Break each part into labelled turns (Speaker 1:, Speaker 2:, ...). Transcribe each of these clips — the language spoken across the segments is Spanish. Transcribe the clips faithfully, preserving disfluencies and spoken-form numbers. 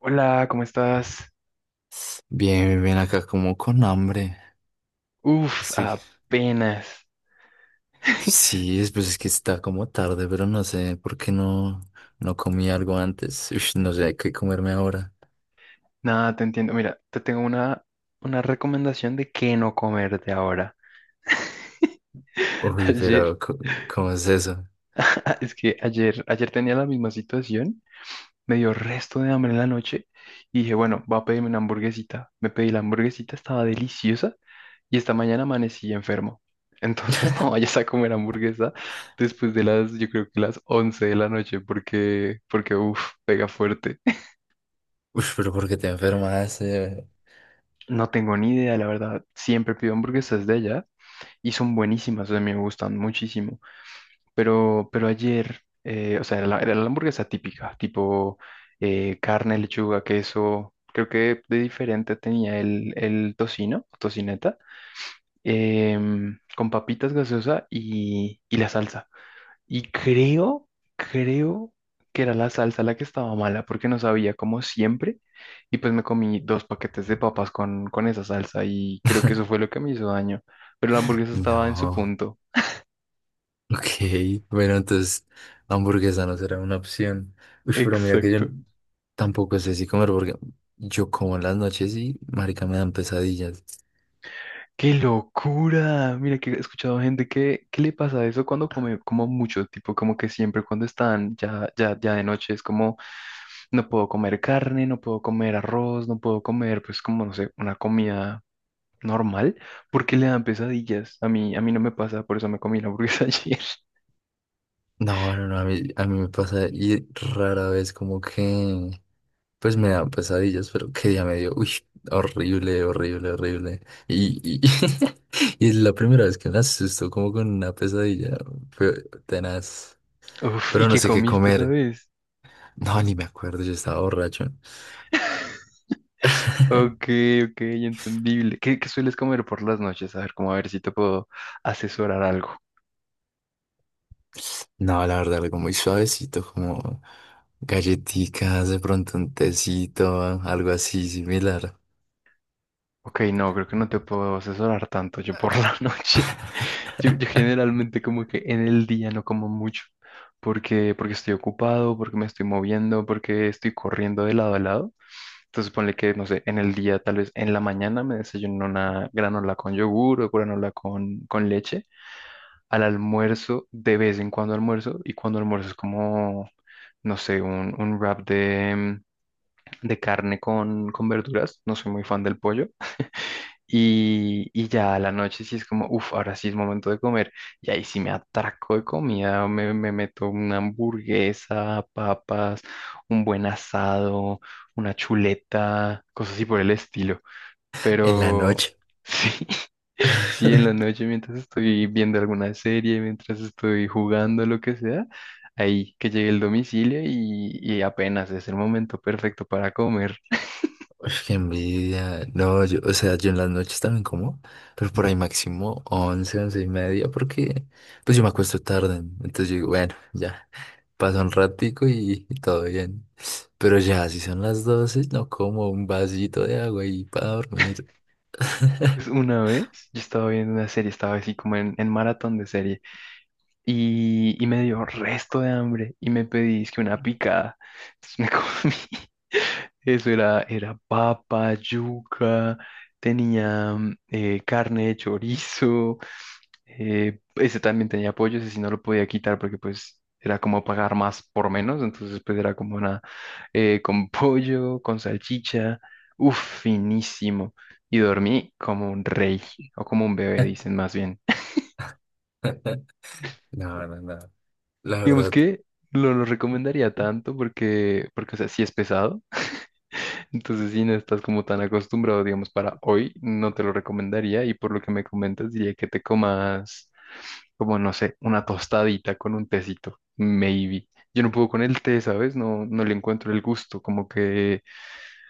Speaker 1: Hola, ¿cómo estás?
Speaker 2: Bien, bien, bien, acá como con hambre.
Speaker 1: Uf,
Speaker 2: Sí.
Speaker 1: apenas.
Speaker 2: Sí, es- pues es que está como tarde, pero no sé por qué no, no comí algo antes. Ush, no sé qué comerme ahora.
Speaker 1: Nada, te entiendo. Mira, te tengo una, una recomendación de qué no comer de ahora.
Speaker 2: Uy,
Speaker 1: Ayer,
Speaker 2: pero co- ¿cómo es eso?
Speaker 1: es que ayer, ayer tenía la misma situación, me dio resto de hambre en la noche y dije, bueno, voy a pedirme una hamburguesita. Me pedí la hamburguesita, estaba deliciosa y esta mañana amanecí enfermo. Entonces no vayas a comer hamburguesa después de las, yo creo que las once de la noche porque, porque, uf, pega fuerte.
Speaker 2: Uy, pero ¿por qué te enfermaste?
Speaker 1: No tengo ni idea, la verdad. Siempre pido hamburguesas de allá y son buenísimas, o sea, me gustan muchísimo. Pero, pero ayer, eh, o sea, era la, era la hamburguesa típica, tipo eh, carne, lechuga, queso. Creo que de diferente tenía el, el tocino, tocineta, em, con papitas gaseosa y, y la salsa. Y creo, creo que era la salsa la que estaba mala porque no sabía como siempre. Y pues me comí dos paquetes de papas con, con esa salsa y creo que eso fue lo que me hizo daño. Pero la hamburguesa estaba en su
Speaker 2: No.
Speaker 1: punto.
Speaker 2: Ok, bueno, entonces hamburguesa no será una opción. Uy, pero mira que yo
Speaker 1: Exacto.
Speaker 2: tampoco sé si comer porque yo como en las noches y marica me dan pesadillas.
Speaker 1: ¡Qué locura! Mira que he escuchado gente que, ¿qué le pasa a eso cuando come como mucho? Tipo, como que siempre cuando están ya, ya, ya de noche es como, no puedo comer carne, no puedo comer arroz, no puedo comer, pues como, no sé, una comida normal, ¿por qué le dan pesadillas? A mí, a mí no me pasa, por eso me comí la hamburguesa ayer.
Speaker 2: No, no, no, a mí, a mí me pasa y rara vez como que, pues me dan pesadillas, pero qué día me dio, uy, horrible, horrible, horrible. Y, y, y es la primera vez que me asusto como con una pesadilla, fue tenaz.
Speaker 1: Uf,
Speaker 2: Pero
Speaker 1: ¿y
Speaker 2: no
Speaker 1: qué
Speaker 2: sé qué
Speaker 1: comiste,
Speaker 2: comer.
Speaker 1: sabes?
Speaker 2: No, ni me acuerdo, yo estaba borracho.
Speaker 1: Ok, ok, entendible. ¿Qué, qué sueles comer por las noches? A ver, como a ver si te puedo asesorar algo.
Speaker 2: No, la verdad, algo muy suavecito, como galletitas, de pronto un tecito, algo así similar.
Speaker 1: Ok, no, creo que no te puedo asesorar tanto yo por la noche. Yo, yo generalmente como que en el día no como mucho, porque, porque estoy ocupado, porque me estoy moviendo, porque estoy corriendo de lado a lado. Entonces ponle que, no sé, en el día, tal vez en la mañana me desayuno una granola con yogur o granola con, con leche. Al almuerzo, de vez en cuando almuerzo. Y cuando almuerzo es como, no sé, un, un wrap de, de carne con, con verduras. No soy muy fan del pollo. Y, y ya a la noche sí es como, uff, ahora sí es momento de comer. Y ahí sí me atraco de comida. Me, me meto una hamburguesa, papas, un buen asado, una chuleta, cosas así por el estilo.
Speaker 2: En la
Speaker 1: Pero
Speaker 2: noche.
Speaker 1: sí, sí, en la noche mientras estoy viendo alguna serie, mientras estoy jugando, lo que sea, ahí que llegue el domicilio y, y apenas es el momento perfecto para comer.
Speaker 2: Uf, qué envidia. No, yo, o sea, yo en las noches también como, pero por ahí máximo once once y media, porque pues yo me acuesto tarde. Entonces yo digo, bueno, ya, pasa un ratico y, y todo bien. Pero ya, si son las doce no como un vasito de agua y para dormir.
Speaker 1: Pues una vez yo estaba viendo una serie, estaba así como en, en maratón de serie. y, y me dio resto de hambre y me pedí es que una picada. Entonces me comí. Eso era, era papa, yuca, tenía mm, eh, carne de chorizo. Eh, ese también tenía pollo, ese sí no lo podía quitar porque pues era como pagar más por menos. Entonces pues era como una eh, con pollo, con salchicha. Uff, finísimo. Y dormí como un rey o como un bebé, dicen más bien.
Speaker 2: No, no, no. La
Speaker 1: Digamos
Speaker 2: verdad,
Speaker 1: que no lo recomendaría tanto porque, porque, o sea, sí es pesado. Entonces, si no estás como tan acostumbrado, digamos, para hoy, no te lo recomendaría. Y por lo que me comentas, diría que te comas, como no sé, una tostadita con un tecito, maybe. Yo no puedo con el té, ¿sabes? No, no le encuentro el gusto, como que,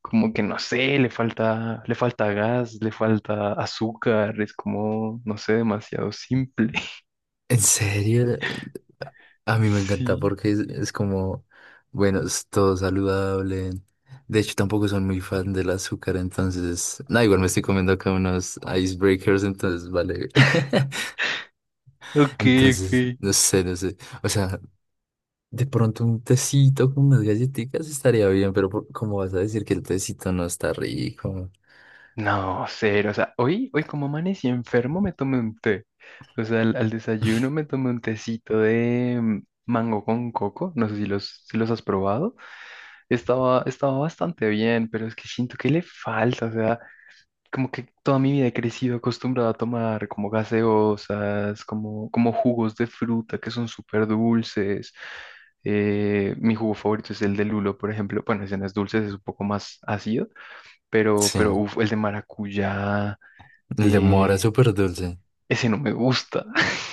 Speaker 1: como que no sé, le falta, le falta gas, le falta azúcar, es como, no sé, demasiado simple.
Speaker 2: en serio, a mí me encanta
Speaker 1: Sí.
Speaker 2: porque es, es como, bueno, es todo saludable. De hecho, tampoco soy muy fan del azúcar, entonces, nada, igual me estoy comiendo acá unos icebreakers, entonces, vale.
Speaker 1: Ok,
Speaker 2: Entonces,
Speaker 1: ok.
Speaker 2: no sé, no sé. O sea, de pronto un tecito con unas galletitas estaría bien, pero por- ¿cómo vas a decir que el tecito no está rico?
Speaker 1: No, cero. O sea, hoy, hoy como amanecí enfermo me tomé un té. O sea, al, al desayuno me tomé un tecito de mm, mango con coco. No sé si los, si los has probado. Estaba, estaba bastante bien, pero es que siento que le falta. O sea, como que toda mi vida he crecido acostumbrado a tomar como gaseosas, como, como jugos de fruta que son súper dulces. Eh, mi jugo favorito es el de lulo, por ejemplo. Bueno, ese no es dulce, ese es un poco más ácido, pero,
Speaker 2: Sí,
Speaker 1: pero uf, el de maracuyá
Speaker 2: el de mora es
Speaker 1: eh,
Speaker 2: súper dulce.
Speaker 1: ese no me gusta.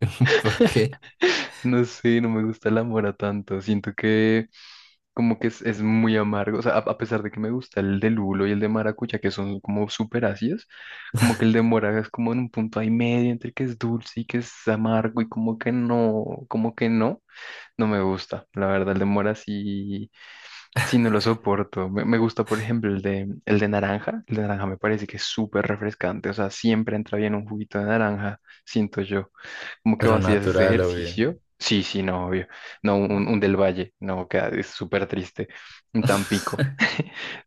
Speaker 2: ¿Por qué?
Speaker 1: No sé, no me gusta la mora tanto. Siento que como que es, es muy amargo. O sea, a, a pesar de que me gusta el de lulo y el de maracucha, que son como súper ácidos, como que el de mora es como en un punto ahí medio entre que es dulce y que es amargo y como que no, como que no, no me gusta. La verdad, el de mora sí, sí no lo soporto. Me, me gusta, por ejemplo, el de, el de naranja. El de naranja me parece que es súper refrescante. O sea, siempre entra bien un juguito de naranja, siento yo. ¿Cómo que
Speaker 2: Pero
Speaker 1: vacías ese
Speaker 2: natural, obvio.
Speaker 1: ejercicio? Sí, sí, no, obvio. No, un, un del Valle, no, que es súper triste. Un Tampico.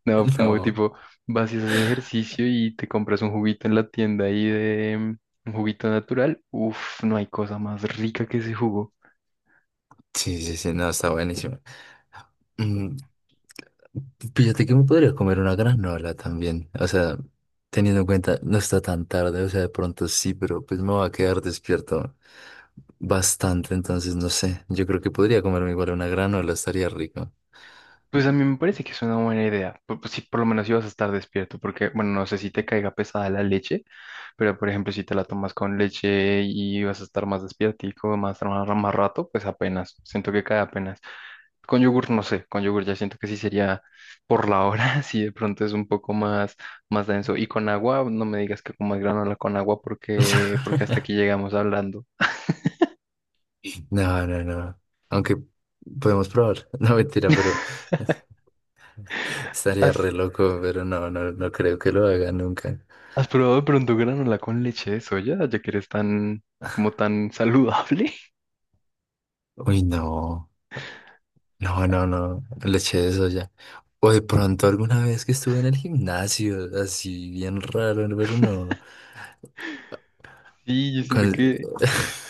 Speaker 1: No, como
Speaker 2: No.
Speaker 1: tipo, vacías ese ejercicio y te compras un juguito en la tienda ahí de mm, un juguito natural. Uf, no hay cosa más rica que ese jugo.
Speaker 2: Sí, sí, sí, no, está buenísimo. Mm, fíjate que me podría comer una granola también. O sea, teniendo en cuenta, no está tan tarde, o sea, de pronto sí, pero pues me va a quedar despierto bastante, entonces no sé. Yo creo que podría comerme igual una granola, estaría rico.
Speaker 1: Pues a mí me parece que es una buena idea. Pu- Pues, si por lo menos ibas a estar despierto, porque, bueno, no sé si te caiga pesada la leche, pero por ejemplo, si te la tomas con leche y vas a estar más despiertico, más, más, más rato, pues apenas. Siento que cae apenas. Con yogur, no sé, con yogur ya siento que sí sería por la hora, si de pronto es un poco más, más denso. Y con agua, no me digas que comas granola con agua porque, porque hasta aquí llegamos hablando.
Speaker 2: No, no, no. Aunque podemos probar. No, mentira, pero estaría
Speaker 1: ¿Has,
Speaker 2: re loco, pero no, no, no creo que lo haga nunca.
Speaker 1: has probado de pronto granola con leche de soya, ya que eres tan, como tan saludable?
Speaker 2: Uy, no. No, no, no, no le eché eso ya. O de pronto alguna vez que estuve en el gimnasio, así bien raro, pero no.
Speaker 1: Sí, yo siento
Speaker 2: Con-
Speaker 1: que,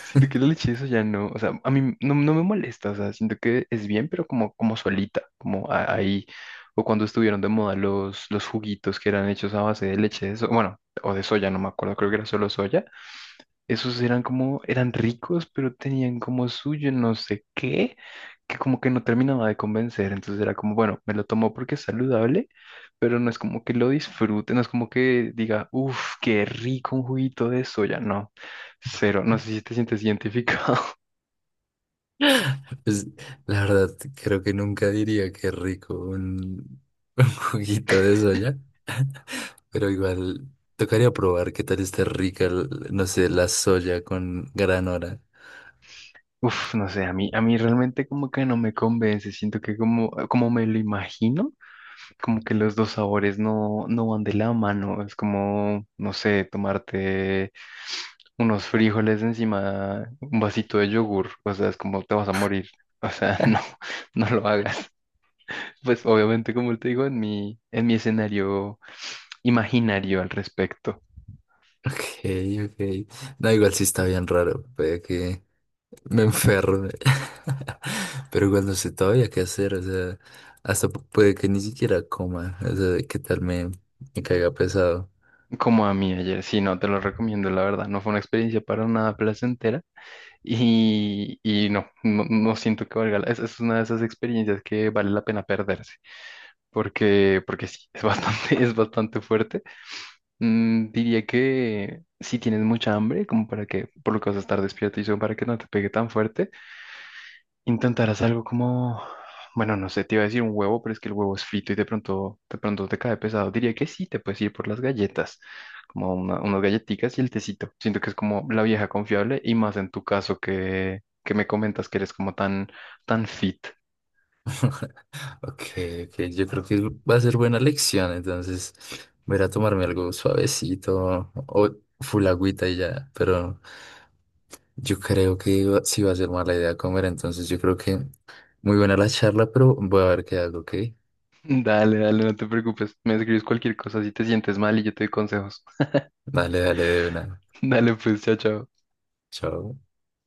Speaker 1: siento que la leche eso ya no, o sea, a mí no, no me molesta, o sea, siento que es bien, pero como, como solita, como a- ahí, o cuando estuvieron de moda los, los juguitos que eran hechos a base de leche de soya, bueno, o de soya, no me acuerdo, creo que era solo soya esos eran como, eran ricos, pero tenían como suyo no sé qué, que como que no terminaba de convencer. Entonces era como, bueno, me lo tomo porque es saludable, pero no es como que lo disfrute, no es como que diga, uff, qué rico un juguito de soya. No, cero, no sé si te sientes identificado.
Speaker 2: Pues, la verdad, creo que nunca diría que rico un, un, juguito de soya, pero igual tocaría probar qué tal está rica, el- no sé, la soya con granola.
Speaker 1: Uf, no sé, a mí, a mí realmente como que no me convence, siento que como, como me lo imagino. Como que los dos sabores no, no van de la mano. Es como, no sé, tomarte unos frijoles encima, un vasito de yogur. O sea, es como te vas a morir. O sea, no, no lo hagas. Pues obviamente, como te digo, en mi, en mi escenario imaginario al respecto.
Speaker 2: Ok, ok. No, igual sí está bien raro, puede que me enferme. Pero cuando no sé todavía qué hacer, o sea, hasta pu- puede que ni siquiera coma, o sea, qué tal me, me caiga pesado.
Speaker 1: Como a mí ayer, sí, no, te lo recomiendo, la verdad, no fue una experiencia para nada placentera y, y no, no, no siento que valga la, es, es una de esas experiencias que vale la pena perderse. porque, porque sí, es bastante, es bastante fuerte. Mm, diría que si tienes mucha hambre, como para que, por lo que vas a estar despierto y eso, para que no te pegue tan fuerte, intentarás algo como, bueno, no sé, te iba a decir un huevo, pero es que el huevo es frito y de pronto, de pronto te cae pesado. Diría que sí, te puedes ir por las galletas, como una- unas galletitas y el tecito. Siento que es como la vieja confiable y más en tu caso que, que me comentas que eres como tan, tan fit.
Speaker 2: Ok, ok, yo creo que va a ser buena lección, entonces voy a ir a tomarme algo suavecito o full agüita y ya, pero yo creo que iba- sí va a ser mala idea comer, entonces yo creo que muy buena la charla, pero voy a ver qué hago, ¿ok?
Speaker 1: Dale, dale, no te preocupes. Me escribes cualquier cosa si te sientes mal y yo te doy consejos.
Speaker 2: Dale, dale, de una.
Speaker 1: Dale, pues, chao, chao.
Speaker 2: Chao.